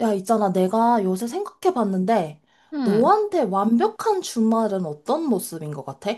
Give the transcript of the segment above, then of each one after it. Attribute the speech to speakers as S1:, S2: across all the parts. S1: 야, 있잖아. 내가 요새 생각해 봤는데,
S2: 응,
S1: 너한테 완벽한 주말은 어떤 모습인 것 같아?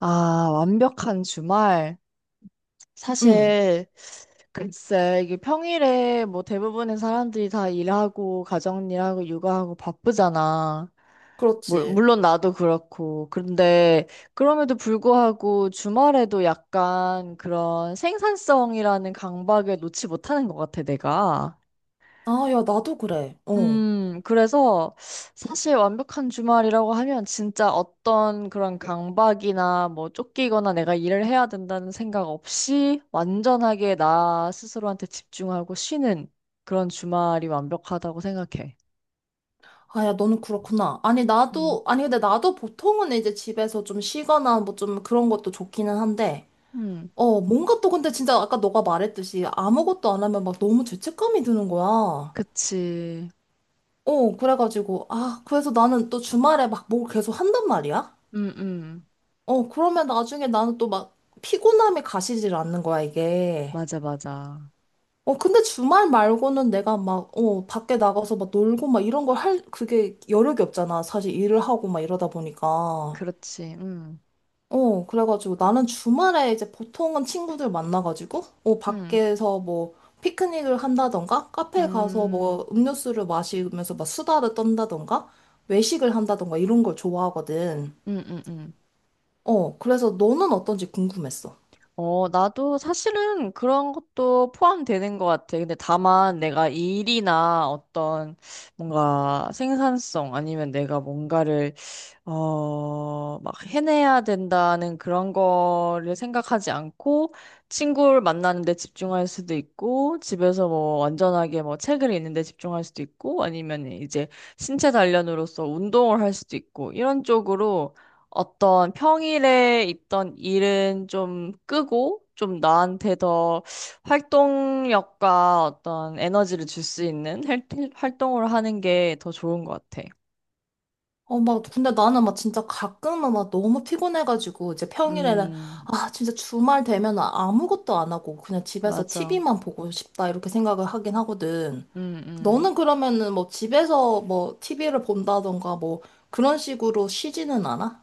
S2: 아, 완벽한 주말.
S1: 응,
S2: 사실, 글쎄, 이게 평일에 뭐 대부분의 사람들이 다 일하고, 가정일하고, 육아하고 바쁘잖아. 물-
S1: 그렇지.
S2: 물론 나도 그렇고. 그런데, 그럼에도 불구하고 주말에도 약간 그런 생산성이라는 강박에 놓지 못하는 것 같아, 내가.
S1: 아, 야, 나도 그래. 어.
S2: 그래서 사실 완벽한 주말이라고 하면 진짜 어떤 그런 강박이나 뭐 쫓기거나 내가 일을 해야 된다는 생각 없이 완전하게 나 스스로한테 집중하고 쉬는 그런 주말이 완벽하다고 생각해.
S1: 아, 야, 너는 그렇구나. 아니,
S2: 음,
S1: 나도, 아니, 근데 나도 보통은 이제 집에서 좀 쉬거나 뭐 좀 그런 것도 좋기는 한데,
S2: 음,
S1: 뭔가 또 근데 진짜 아까 너가 말했듯이 아무것도 안 하면 막 너무 죄책감이 드는 거야.
S2: 그치.
S1: 그래가지고, 아, 그래서 나는 또 주말에 막 뭘 계속 한단 말이야?
S2: 음, 음,
S1: 그러면 나중에 나는 또 막 피곤함이 가시질 않는 거야, 이게.
S2: 맞아, 맞아.
S1: 근데 주말 말고는 내가 막, 밖에 나가서 막 놀고 막 이런 걸 할, 그게 여력이 없잖아. 사실 일을 하고 막 이러다 보니까.
S2: 그렇지.
S1: 그래가지고 나는 주말에 이제 보통은 친구들 만나가지고,
S2: 음,
S1: 밖에서 뭐 피크닉을 한다던가, 카페 가서
S2: 음,
S1: 뭐 음료수를 마시면서 막 수다를 떤다던가, 외식을 한다던가 이런 걸 좋아하거든.
S2: 음, 음, 음.
S1: 그래서 너는 어떤지 궁금했어.
S2: 어, 나도 사실은 그런 것도 포함되는 것 같아. 근데 다만 내가 일이나 어떤 뭔가 생산성 아니면 내가 뭔가를 막 해내야 된다는 그런 거를 생각하지 않고 친구를 만나는데 집중할 수도 있고 집에서 뭐 완전하게 뭐 책을 읽는데 집중할 수도 있고 아니면 이제 신체 단련으로서 운동을 할 수도 있고 이런 쪽으로 어떤 평일에 있던 일은 좀 끄고 좀 나한테 더 활동력과 어떤 에너지를 줄 수 있는 활동을 하는 게 더 좋은 것 같아.
S1: 막, 근데 나는 막 진짜 가끔은 막 너무 피곤해가지고, 이제 평일에는,
S2: 음,
S1: 아, 진짜 주말 되면 아무것도 안 하고, 그냥 집에서
S2: 맞아.
S1: TV만 보고 싶다, 이렇게 생각을 하긴 하거든.
S2: 음, 음.
S1: 너는 그러면은 뭐 집에서 뭐 TV를 본다던가 뭐 그런 식으로 쉬지는 않아?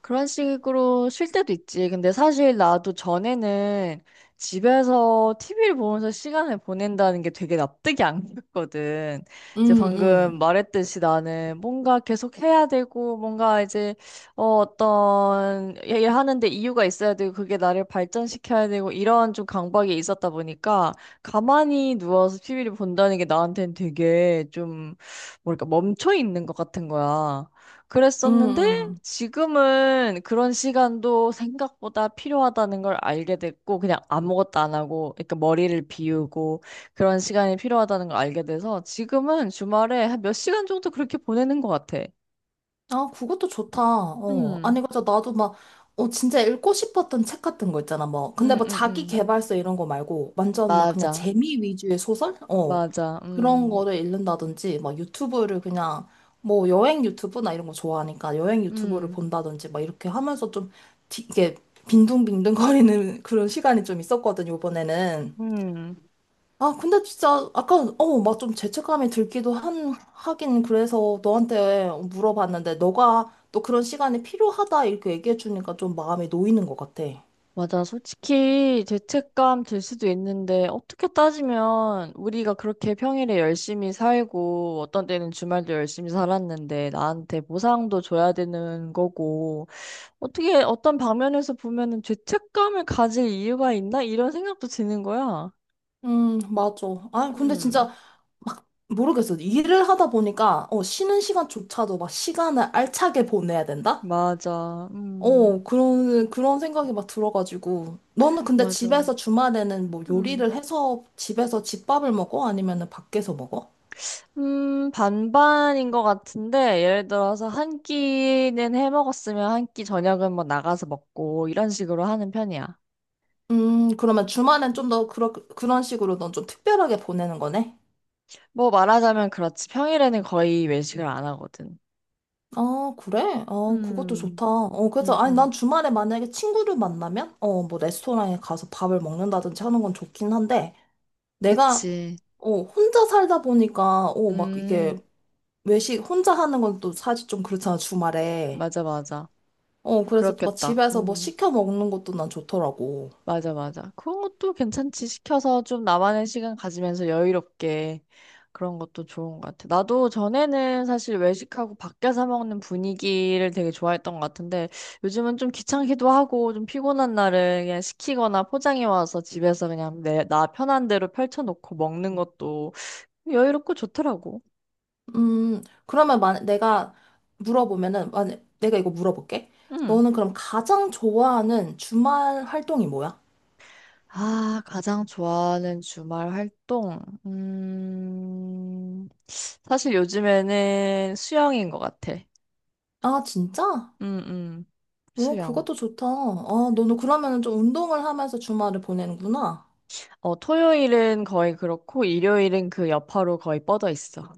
S2: 그런 식으로 쉴 때도 있지. 근데 사실 나도 전에는 집에서 TV를 보면서 시간을 보낸다는 게 되게 납득이 안 갔거든. 이제
S1: 응,
S2: 방금
S1: 응,
S2: 말했듯이 나는 뭔가 계속 해야 되고, 뭔가 이제, 어, 어떤, 얘기를 하는데 이유가 있어야 되고, 그게 나를 발전시켜야 되고, 이런 좀 강박이 있었다 보니까, 가만히 누워서 TV를 본다는 게 나한테는 되게 좀, 뭐랄까, 멈춰 있는 것 같은 거야.
S1: 응,
S2: 그랬었는데,
S1: 응.
S2: 지금은 그런 시간도 생각보다 필요하다는 걸 알게 됐고, 그냥 아무것도 안 하고, 그러니까 머리를 비우고, 그런 시간이 필요하다는 걸 알게 돼서, 지금은 주말에 한 몇 시간 정도 그렇게 보내는 것 같아.
S1: 아, 그것도 좋다. 어.
S2: 음,
S1: 아니, 그래서 나도 막, 진짜 읽고 싶었던 책 같은 거 있잖아. 뭐, 근데
S2: 음,
S1: 뭐
S2: 음,
S1: 자기
S2: 음.
S1: 개발서 이런 거 말고, 완전 막 그냥
S2: 맞아,
S1: 재미 위주의 소설? 어.
S2: 맞아,
S1: 그런 거를 읽는다든지, 막 유튜브를 그냥, 뭐 여행 유튜브나 이런 거 좋아하니까 여행 유튜브를
S2: 음,
S1: 본다든지, 막 이렇게 하면서 좀, 이게 빈둥빈둥 거리는 그런 시간이 좀 있었거든, 요번에는.
S2: 음.
S1: 아, 근데 진짜 아까 막 좀 죄책감이 들기도 한 하긴 그래서 너한테 물어봤는데 너가 또 그런 시간이 필요하다 이렇게 얘기해 주니까 좀 마음이 놓이는 것 같아.
S2: 맞아. 솔직히 죄책감 들 수도 있는데, 어떻게 따지면 우리가 그렇게 평일에 열심히 살고, 어떤 때는 주말도 열심히 살았는데, 나한테 보상도 줘야 되는 거고, 어떻게 어떤 방면에서 보면은 죄책감을 가질 이유가 있나? 이런 생각도 드는 거야.
S1: 맞아. 아, 근데
S2: 음,
S1: 진짜 모르겠어. 일을 하다 보니까 쉬는 시간조차도 막 시간을 알차게 보내야 된다?
S2: 맞아.
S1: 그런 생각이 막 들어가지고 너는 근데
S2: 맞아.
S1: 집에서 주말에는 뭐
S2: 음.
S1: 요리를 해서 집에서 집밥을 먹어? 아니면은 밖에서 먹어?
S2: 반반인 것 같은데, 예를 들어서 한 끼는 해 먹었으면 한 끼 저녁은 뭐 나가서 먹고, 이런 식으로 하는 편이야.
S1: 그러면 주말엔 좀 더 그런 식으로 넌 좀 특별하게 보내는 거네?
S2: 뭐 말하자면 그렇지. 평일에는 거의 외식을 안 하거든.
S1: 아, 그래? 그것도
S2: 음,
S1: 좋다. 그래서,
S2: 음,
S1: 아니, 난
S2: 음.
S1: 주말에 만약에 친구를 만나면, 뭐, 레스토랑에 가서 밥을 먹는다든지 하는 건 좋긴 한데, 내가,
S2: 그치.
S1: 혼자 살다 보니까, 막 이게,
S2: 음,
S1: 외식, 혼자 하는 건 또 사실 좀 그렇잖아, 주말에.
S2: 맞아, 맞아.
S1: 그래서 또 막
S2: 그렇겠다.
S1: 집에서 뭐
S2: 음.
S1: 시켜 먹는 것도 난 좋더라고.
S2: 맞아, 맞아. 그런 것도 괜찮지. 시켜서 좀 나만의 시간 가지면서 여유롭게 그런 것도 좋은 것 같아. 나도 전에는 사실 외식하고 밖에서 먹는 분위기를 되게 좋아했던 것 같은데 요즘은 좀 귀찮기도 하고 좀 피곤한 날은 그냥 시키거나 포장해 와서 집에서 그냥 내, 나 편한 대로 펼쳐놓고 먹는 것도 여유롭고 좋더라고.
S1: 그러면 만 내가 물어보면은, 만 내가 이거 물어볼게.
S2: 응.
S1: 너는 그럼 가장 좋아하는 주말 활동이 뭐야?
S2: 아, 가장 좋아하는 주말 활동. 사실 요즘에는 수영인 것 같아.
S1: 아, 진짜?
S2: 음, 음.
S1: 오,
S2: 수영.
S1: 그것도 좋다. 아, 너는 그러면은 좀 운동을 하면서 주말을 보내는구나.
S2: 어, 토요일은 거의 그렇고, 일요일은 그 여파로 거의 뻗어 있어.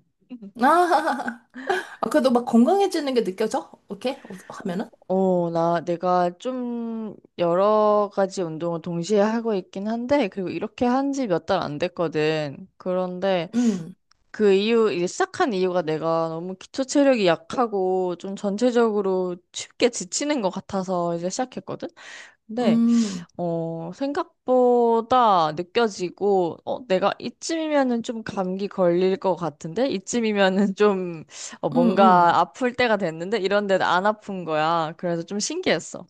S1: 아, 아, 그래도 막 건강해지는 게 느껴져? 오케이? 하면은?
S2: 어, 나, 내가 좀 여러 가지 운동을 동시에 하고 있긴 한데, 그리고 이렇게 한 지 몇 달 안 됐거든. 그런데
S1: 음,
S2: 그 이유, 이제 시작한 이유가 내가 너무 기초 체력이 약하고, 좀 전체적으로 쉽게 지치는 것 같아서 이제 시작했거든? 근데
S1: 음,
S2: 어, 생각보다 느껴지고, 어, 내가 이쯤이면은 좀 감기 걸릴 것 같은데? 이쯤이면은 좀, 어,
S1: 음, 음.
S2: 뭔가 아플 때가 됐는데? 이런데 안 아픈 거야. 그래서 좀 신기했어.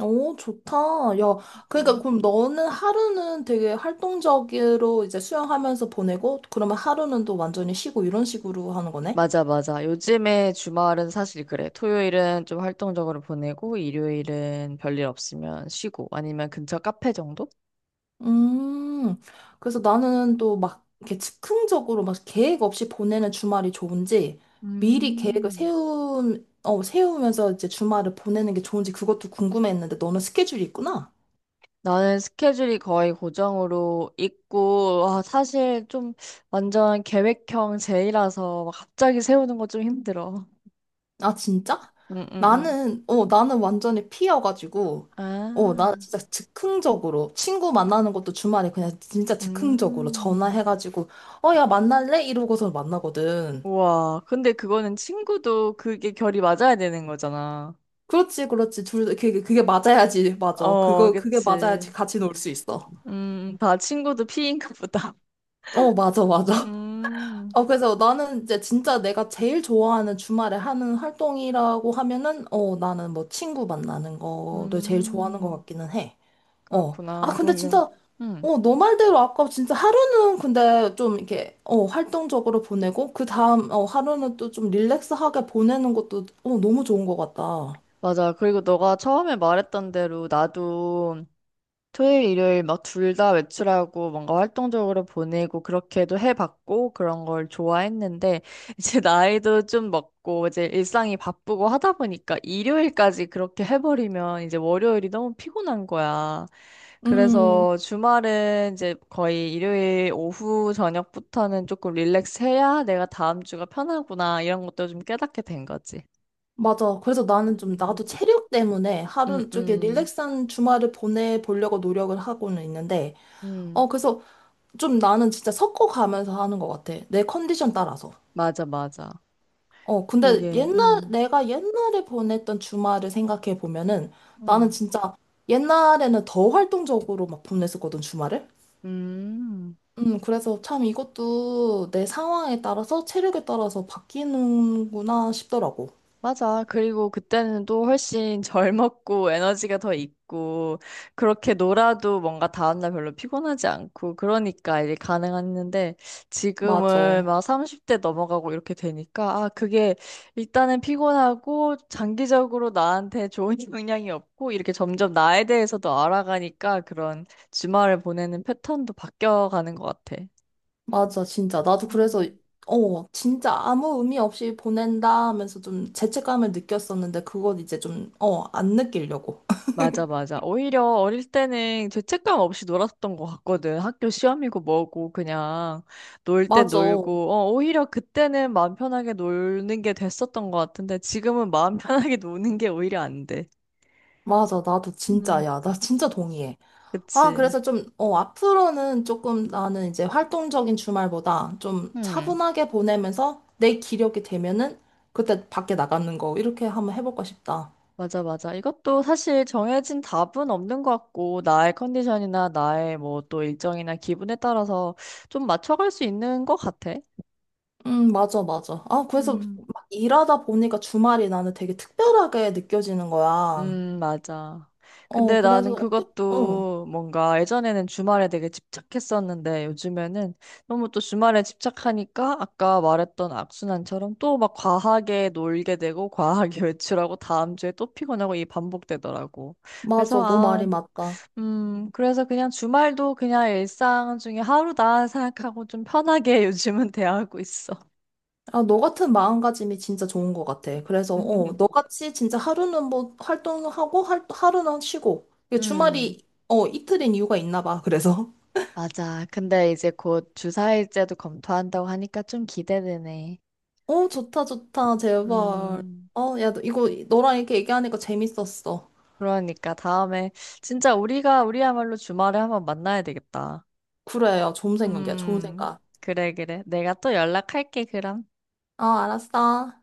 S1: 오, 좋다. 야, 그러니까
S2: 음.
S1: 그럼 너는 하루는 되게 활동적으로 이제 수영하면서 보내고, 그러면 하루는 또 완전히 쉬고 이런 식으로 하는 거네?
S2: 맞아, 맞아. 요즘에 주말은 사실 그래. 토요일은 좀 활동적으로 보내고, 일요일은 별일 없으면 쉬고, 아니면 근처 카페 정도?
S1: 음, 그래서 나는 또 막 이렇게 즉흥적으로 막 계획 없이 보내는 주말이 좋은지, 미리 계획을
S2: 음.
S1: 세우면서 이제 주말을 보내는 게 좋은지 그것도 궁금했는데 너는 스케줄이 있구나?
S2: 나는 스케줄이 거의 고정으로 있고, 아, 사실 좀 완전 계획형 제이라서 막 갑자기 세우는 거 좀 힘들어.
S1: 아, 진짜?
S2: 응, 응, 응.
S1: 나는 완전히 피여가지고, 나
S2: 아,
S1: 진짜 즉흥적으로, 친구 만나는 것도 주말에 그냥 진짜 즉흥적으로
S2: 음.
S1: 전화해가지고, 야, 만날래? 이러고서 만나거든.
S2: 우와. 근데 그거는 친구도 그게 결이 맞아야 되는 거잖아.
S1: 그렇지, 그렇지. 둘, 그게 맞아야지. 맞아.
S2: 어,
S1: 그거, 그게
S2: 그치.
S1: 맞아야지. 같이 놀 수 있어.
S2: 다 친구도 피인가 보다.
S1: 어, 맞아, 맞아.
S2: 음,
S1: 그래서 나는 이제 진짜 내가 제일 좋아하는 주말에 하는 활동이라고 하면은, 나는 뭐 친구 만나는 거를 제일 좋아하는 것
S2: 음,
S1: 같기는 해. 어. 아,
S2: 그렇구나.
S1: 근데
S2: 그러면,
S1: 진짜,
S2: 음.
S1: 너 말대로 아까 진짜 하루는 근데 좀 이렇게, 활동적으로 보내고, 그 다음, 하루는 또 좀 릴렉스하게 보내는 것도, 너무 좋은 것 같다.
S2: 맞아. 그리고 너가 처음에 말했던 대로 나도 토요일, 일요일 막 둘 다 외출하고 뭔가 활동적으로 보내고 그렇게도 해봤고 그런 걸 좋아했는데 이제 나이도 좀 먹고 이제 일상이 바쁘고 하다 보니까 일요일까지 그렇게 해버리면 이제 월요일이 너무 피곤한 거야.
S1: 음,
S2: 그래서 주말은 이제 거의 일요일 오후 저녁부터는 조금 릴렉스 해야 내가 다음 주가 편하구나 이런 것도 좀 깨닫게 된 거지.
S1: 맞아. 그래서
S2: 음,
S1: 나는 좀, 나도 체력 때문에
S2: 음,
S1: 하루 쪽에
S2: 음,
S1: 릴렉스한 주말을 보내보려고 노력을 하고는 있는데,
S2: 음.
S1: 그래서 좀 나는 진짜 섞어가면서 하는 것 같아. 내 컨디션 따라서.
S2: 맞아, 맞아.
S1: 근데
S2: 이게,
S1: 옛날, 내가 옛날에 보냈던 주말을 생각해 보면은 나는
S2: 음.
S1: 진짜 옛날에는 더 활동적으로 막 보냈었거든, 주말을.
S2: 음,
S1: 그래서 참 이것도 내 상황에 따라서 체력에 따라서 바뀌는구나 싶더라고.
S2: 맞아. 그리고 그때는 또 훨씬 젊었고 에너지가 더 있고 그렇게 놀아도 뭔가 다음날 별로 피곤하지 않고 그러니까 이게 가능했는데
S1: 맞아.
S2: 지금은 막 30대 넘어가고 이렇게 되니까 아, 그게 일단은 피곤하고 장기적으로 나한테 좋은 영향이 없고 이렇게 점점 나에 대해서도 알아가니까 그런 주말을 보내는 패턴도 바뀌어가는 것 같아.
S1: 맞아, 진짜. 나도 그래서,
S2: 음.
S1: 진짜 아무 의미 없이 보낸다 하면서 좀 죄책감을 느꼈었는데 그건 이제 좀, 안 느끼려고.
S2: 맞아, 맞아. 오히려 어릴 때는 죄책감 없이 놀았던 것 같거든. 학교 시험이고 뭐고 그냥 놀 땐
S1: 맞아.
S2: 놀고. 어, 오히려 그때는 마음 편하게 노는 게 됐었던 것 같은데 지금은 마음 편하게 노는 게 오히려 안 돼.
S1: 맞아. 나도
S2: 음,
S1: 진짜, 야, 나 진짜 동의해. 아,
S2: 그치?
S1: 그래서 좀, 앞으로는 조금 나는 이제 활동적인 주말보다 좀
S2: 음,
S1: 차분하게 보내면서 내 기력이 되면은 그때 밖에 나가는 거 이렇게 한번 해볼까 싶다.
S2: 맞아, 맞아. 이것도 사실 정해진 답은 없는 것 같고, 나의 컨디션이나 나의 뭐 또 일정이나 기분에 따라서 좀 맞춰갈 수 있는 것 같아.
S1: 맞아, 맞아. 아, 그래서
S2: 음.
S1: 막 일하다 보니까 주말이 나는 되게 특별하게 느껴지는 거야.
S2: 맞아. 근데
S1: 그래서,
S2: 나는
S1: 응,
S2: 그것도 뭔가 예전에는 주말에 되게 집착했었는데 요즘에는 너무 또 주말에 집착하니까 아까 말했던 악순환처럼 또 막 과하게 놀게 되고 과하게 외출하고 다음 주에 또 피곤하고 이 반복되더라고. 그래서
S1: 맞아. 너
S2: 아,
S1: 말이 맞다.
S2: 그래서 그냥 주말도 그냥 일상 중에 하루다 생각하고 좀 편하게 요즘은 대하고 있어.
S1: 아, 너 같은 마음가짐이 진짜 좋은 것 같아. 그래서, 너같이 진짜 하루는 뭐 활동하고, 하루는 쉬고. 이게
S2: 음.
S1: 주말이, 이틀인 이유가 있나 봐. 그래서.
S2: 맞아. 근데 이제 곧 주사일제도 검토한다고 하니까 좀 기대되네.
S1: 어, 좋다, 좋다. 제발.
S2: 음,
S1: 야, 너 이거 너랑 이렇게 얘기하니까 재밌었어.
S2: 그러니까 다음에 진짜 우리가 우리야말로 주말에 한번 만나야 되겠다.
S1: 그래, 야, 좋은 생각이야. 좋은
S2: 음,
S1: 생각.
S2: 그래, 그래. 내가 또 연락할게, 그럼.
S1: 어, 알았어.